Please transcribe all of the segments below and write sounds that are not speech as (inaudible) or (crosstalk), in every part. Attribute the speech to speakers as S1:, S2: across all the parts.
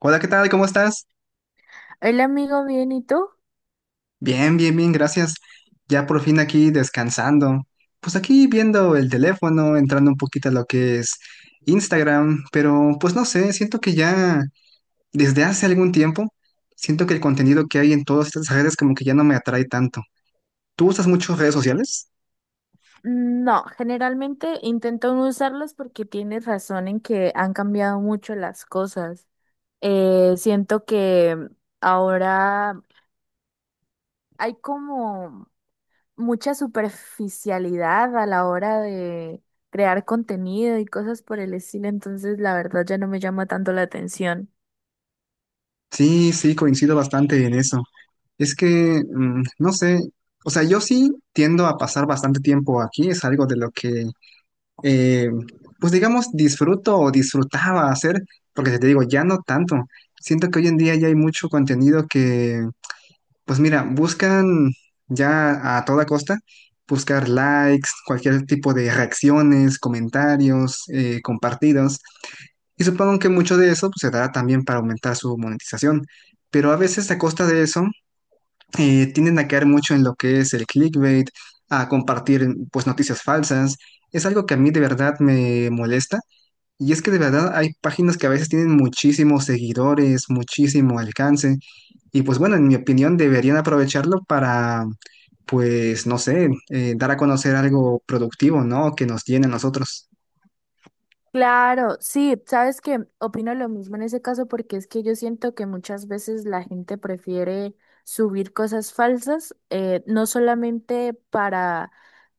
S1: Hola, ¿qué tal? ¿Cómo estás?
S2: El amigo bien, ¿y tú?
S1: Bien, bien, bien, gracias. Ya por fin aquí descansando. Pues aquí viendo el teléfono, entrando un poquito a lo que es Instagram, pero pues no sé, siento que ya desde hace algún tiempo, siento que el contenido que hay en todas estas redes como que ya no me atrae tanto. ¿Tú usas mucho redes sociales?
S2: No, generalmente intento no usarlos porque tienes razón en que han cambiado mucho las cosas. Siento que ahora hay como mucha superficialidad a la hora de crear contenido y cosas por el estilo, entonces la verdad ya no me llama tanto la atención.
S1: Sí, sí, coincido bastante en eso. Es que, no sé, o sea, yo sí tiendo a pasar bastante tiempo aquí, es algo de lo que eh, pues digamos, disfruto o disfrutaba hacer, porque te digo, ya no tanto. Siento que hoy en día ya hay mucho contenido que, pues mira, buscan ya a toda costa buscar likes, cualquier tipo de reacciones, comentarios, compartidos. Y supongo que mucho de eso pues, se dará también para aumentar su monetización. Pero a veces a costa de eso, tienden a caer mucho en lo que es el clickbait, a compartir pues noticias falsas. Es algo que a mí de verdad me molesta y es que de verdad hay páginas que a veces tienen muchísimos seguidores, muchísimo alcance. Y pues bueno, en mi opinión deberían aprovecharlo para, pues no sé, dar a conocer algo productivo, ¿no? Que nos llene a nosotros.
S2: Claro, sí, sabes que opino lo mismo en ese caso porque es que yo siento que muchas veces la gente prefiere subir cosas falsas, no solamente para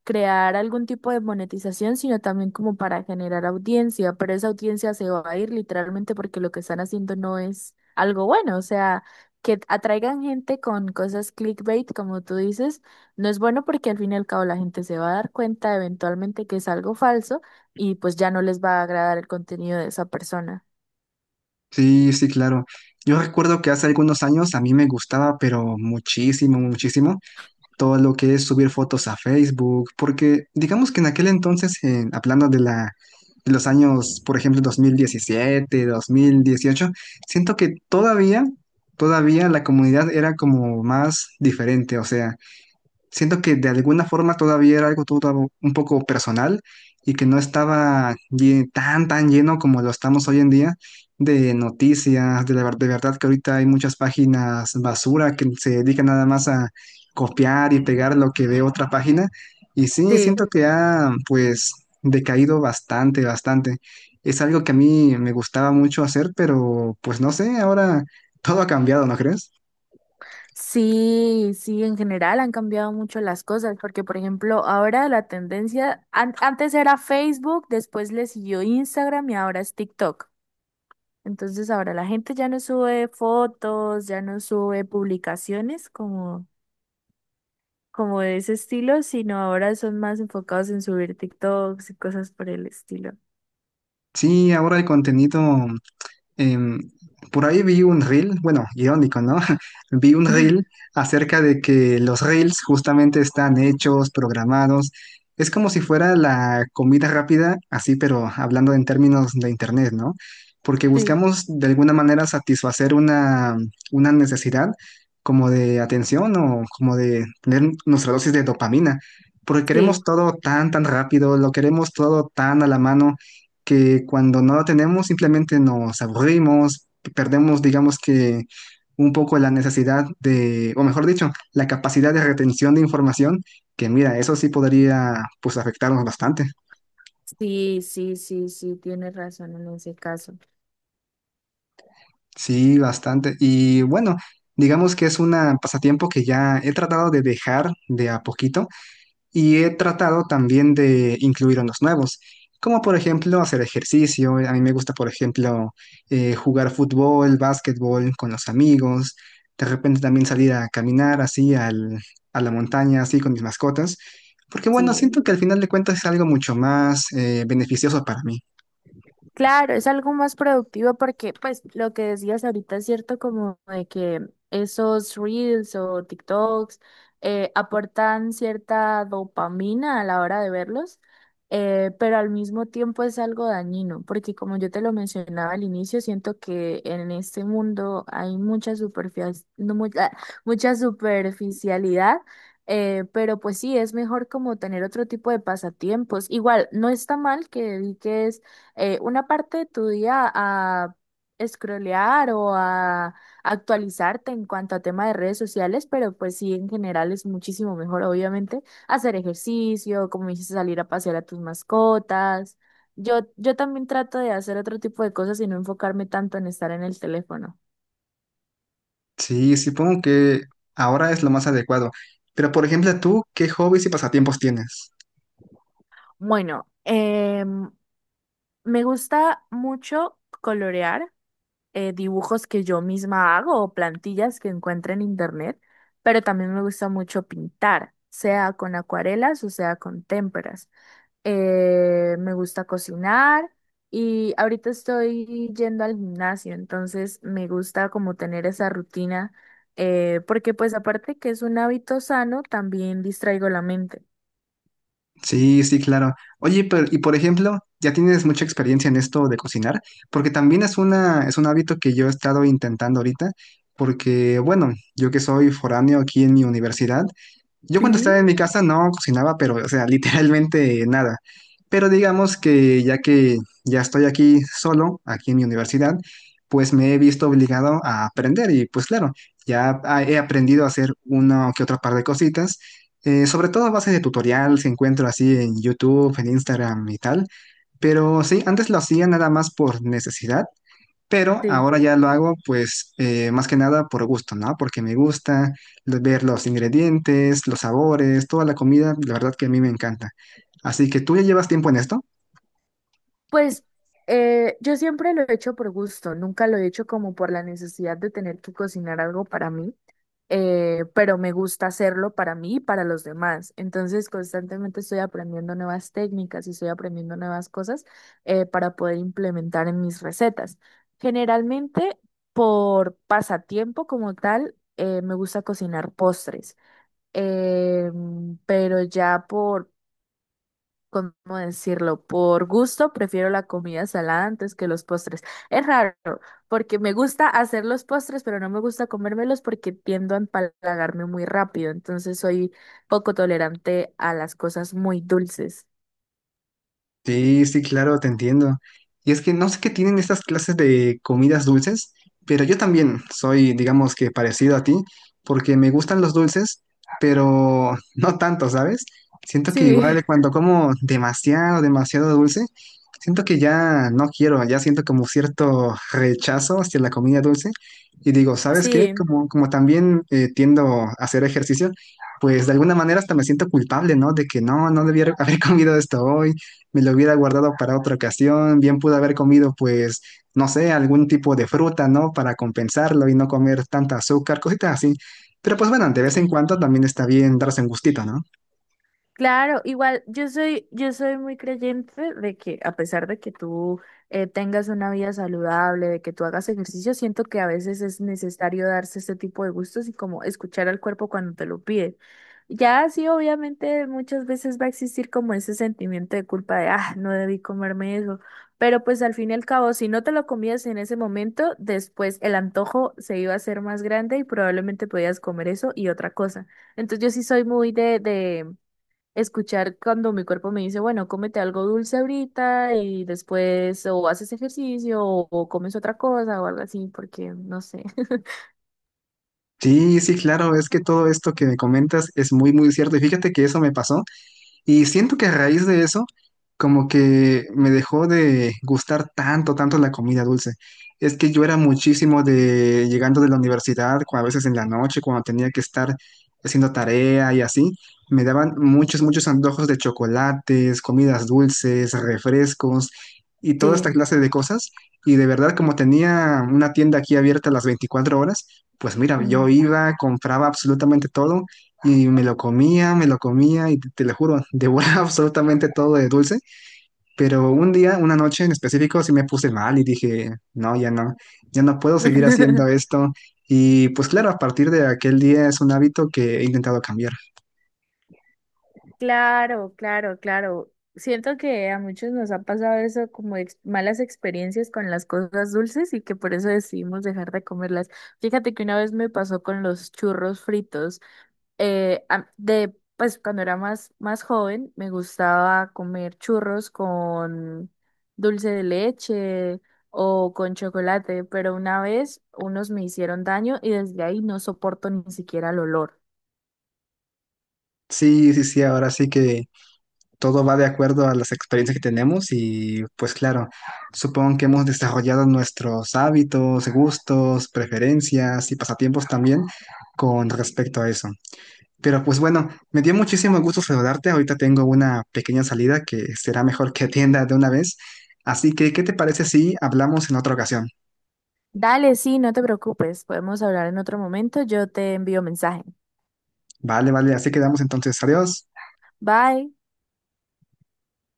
S2: crear algún tipo de monetización, sino también como para generar audiencia, pero esa audiencia se va a ir literalmente porque lo que están haciendo no es algo bueno, o sea, que atraigan gente con cosas clickbait, como tú dices, no es bueno porque al fin y al cabo la gente se va a dar cuenta eventualmente que es algo falso y pues ya no les va a agradar el contenido de esa persona.
S1: Sí, sí, claro. Yo recuerdo que hace algunos años a mí me gustaba, pero muchísimo, muchísimo, todo lo que es subir fotos a Facebook, porque digamos que en aquel entonces, hablando de de los años, por ejemplo, dos mil diecisiete, 2018, siento que todavía, todavía la comunidad era como más diferente, o sea, siento que de alguna forma todavía era algo todo un poco personal y que no estaba tan, tan lleno como lo estamos hoy en día de noticias, de verdad que ahorita hay muchas páginas basura que se dedican nada más a copiar y pegar lo que ve otra página. Y sí,
S2: Sí,
S1: siento que ha pues decaído bastante, bastante. Es algo que a mí me gustaba mucho hacer, pero pues no sé, ahora todo ha cambiado, ¿no crees?
S2: sí, sí, en general han cambiado mucho las cosas, porque por ejemplo, ahora la tendencia, antes era Facebook, después le siguió Instagram y ahora es TikTok. Entonces ahora la gente ya no sube fotos, ya no sube publicaciones como de ese estilo, sino ahora son más enfocados en subir TikToks y cosas por el estilo.
S1: Sí, ahora el contenido em, por ahí vi un reel, bueno, irónico, ¿no? (laughs) Vi un reel
S2: (laughs)
S1: acerca de que los reels justamente están hechos, programados. Es como si fuera la comida rápida, así, pero hablando en términos de internet, ¿no? Porque
S2: Sí,
S1: buscamos de alguna manera satisfacer una necesidad como de atención o como de tener nuestra dosis de dopamina. Porque queremos
S2: sí,
S1: todo tan, tan rápido, lo queremos todo tan a la mano que cuando no lo tenemos simplemente nos aburrimos, perdemos, digamos que un poco la necesidad de, o mejor dicho, la capacidad de retención de información, que mira, eso sí podría pues afectarnos bastante.
S2: sí, sí, sí, sí, tienes razón en ese caso.
S1: Sí, bastante. Y bueno, digamos que es un pasatiempo que ya he tratado de dejar de a poquito y he tratado también de incluir unos nuevos, como por ejemplo hacer ejercicio. A mí me gusta, por ejemplo, jugar fútbol, básquetbol con los amigos. De repente también salir a caminar así a la montaña, así con mis mascotas. Porque bueno,
S2: Sí,
S1: siento que al final de cuentas es algo mucho más beneficioso para mí.
S2: claro, es algo más productivo porque, pues, lo que decías ahorita es cierto, como de que esos reels o TikToks aportan cierta dopamina a la hora de verlos, pero al mismo tiempo es algo dañino, porque como yo te lo mencionaba al inicio, siento que en este mundo hay mucha, mucha superficialidad. Pero pues sí, es mejor como tener otro tipo de pasatiempos. Igual, no está mal que dediques una parte de tu día a scrollear o a actualizarte en cuanto a tema de redes sociales, pero pues sí, en general es muchísimo mejor, obviamente, hacer ejercicio, como dices, salir a pasear a tus mascotas. Yo también trato de hacer otro tipo de cosas y no enfocarme tanto en estar en el teléfono.
S1: Sí, supongo que ahora es lo más adecuado. Pero por ejemplo, tú, ¿qué hobbies y pasatiempos tienes?
S2: Bueno, me gusta mucho colorear. Dibujos que yo misma hago o plantillas que encuentro en internet, pero también me gusta mucho pintar, sea con acuarelas o sea con témperas. Me gusta cocinar y ahorita estoy yendo al gimnasio, entonces me gusta como tener esa rutina, porque pues aparte que es un hábito sano, también distraigo la mente.
S1: Sí, sí, claro. Oye, pero, y por ejemplo, ya tienes mucha experiencia en esto de cocinar, porque también es un hábito que yo he estado intentando ahorita, porque, bueno, yo que soy foráneo aquí en mi universidad, yo cuando estaba
S2: Sí,
S1: en mi casa no cocinaba, pero, o sea, (laughs) literalmente nada. Pero digamos que ya estoy aquí solo, aquí en mi universidad, pues me he visto obligado a aprender y pues claro, ya he aprendido a hacer una que otra par de cositas, sobre todo a base de tutorial, se encuentro así en YouTube, en Instagram y tal. Pero sí, antes lo hacía nada más por necesidad pero
S2: sí.
S1: ahora ya lo hago pues más que nada por gusto, ¿no? Porque me gusta ver los ingredientes, los sabores, toda la comida, la verdad que a mí me encanta. Así que tú ya llevas tiempo en esto.
S2: Pues yo siempre lo he hecho por gusto, nunca lo he hecho como por la necesidad de tener que cocinar algo para mí, pero me gusta hacerlo para mí y para los demás. Entonces constantemente estoy aprendiendo nuevas técnicas y estoy aprendiendo nuevas cosas para poder implementar en mis recetas. Generalmente por pasatiempo como tal, me gusta cocinar postres, pero ya por ¿cómo decirlo? Por gusto prefiero la comida salada antes que los postres. Es raro, porque me gusta hacer los postres, pero no me gusta comérmelos porque tiendo a empalagarme muy rápido. Entonces soy poco tolerante a las cosas muy dulces.
S1: Sí, sí, claro, te entiendo. Y es que no sé qué tienen estas clases de comidas dulces, pero yo también soy, digamos que parecido a ti, porque me gustan los dulces, pero (laughs) no tanto, ¿sabes? Siento que
S2: Sí.
S1: igual
S2: (laughs)
S1: cuando como demasiado, demasiado dulce, siento que ya no quiero, ya siento como cierto rechazo hacia la comida dulce. Y digo, ¿sabes qué?
S2: Sí,
S1: Como, como también tiendo a hacer ejercicio, pues de alguna manera hasta me siento culpable, ¿no? De que no, no debía haber (laughs) comido esto hoy me lo hubiera guardado para otra ocasión, bien pude haber comido pues, no sé, algún tipo de fruta, ¿no? Para compensarlo y no comer tanta azúcar, cositas así. Pero pues bueno, de vez en
S2: sí.
S1: cuando también está bien darse un gustito, ¿no?
S2: Claro, igual yo soy muy creyente de que a pesar de que tú tengas una vida saludable, de que tú hagas ejercicio, siento que a veces es necesario darse este tipo de gustos y como escuchar al cuerpo cuando te lo pide. Ya sí, obviamente muchas veces va a existir como ese sentimiento de culpa de, ah, no debí comerme eso, pero pues al fin y al cabo, si no te lo comías en ese momento, después el antojo se iba a hacer más grande y probablemente podías comer eso y otra cosa. Entonces yo sí soy muy de escuchar cuando mi cuerpo me dice, bueno, cómete algo dulce ahorita y después o haces ejercicio o comes otra cosa o algo así, porque no sé. (laughs)
S1: Sí, sí, claro, es que todo esto que me comentas es muy, muy cierto. Y fíjate que eso me pasó. Y siento que a raíz de eso, como que me dejó de gustar tanto, tanto la comida dulce. Es que yo era muchísimo de llegando de la universidad, a veces en la noche, cuando tenía que estar haciendo tarea y así, me daban muchos, muchos antojos de chocolates, comidas dulces, refrescos y toda esta
S2: Sí.
S1: clase de cosas. Y de verdad, como tenía una tienda aquí abierta las 24 horas, pues mira, yo
S2: Mm.
S1: iba, compraba absolutamente todo y me lo comía y te lo juro, devoraba (laughs) absolutamente todo de dulce. Pero un día, una noche en específico, sí me puse mal y dije, no, ya no, ya no puedo seguir haciendo
S2: (laughs)
S1: esto. Y pues claro, a partir de aquel día es un hábito que he intentado cambiar.
S2: Claro, claro, claro. Siento que a muchos nos ha pasado eso como malas experiencias con las cosas dulces y que por eso decidimos dejar de comerlas. Fíjate que una vez me pasó con los churros fritos. Pues cuando era más joven, me gustaba comer churros con dulce de leche o con chocolate, pero una vez unos me hicieron daño y desde ahí no soporto ni siquiera el olor.
S1: Sí, sí, sí, ahora sí que todo va de acuerdo a las experiencias que tenemos y pues claro, supongo que hemos desarrollado nuestros hábitos, gustos, preferencias y pasatiempos también con respecto a eso. Pero pues bueno, me dio muchísimo gusto saludarte. Ahorita tengo una pequeña salida que será mejor que atienda de una vez. Así que, ¿qué te parece si hablamos en otra ocasión?
S2: Dale, sí, no te preocupes, podemos hablar en otro momento, yo te envío mensaje.
S1: Vale, vale, así quedamos entonces. Adiós.
S2: Bye.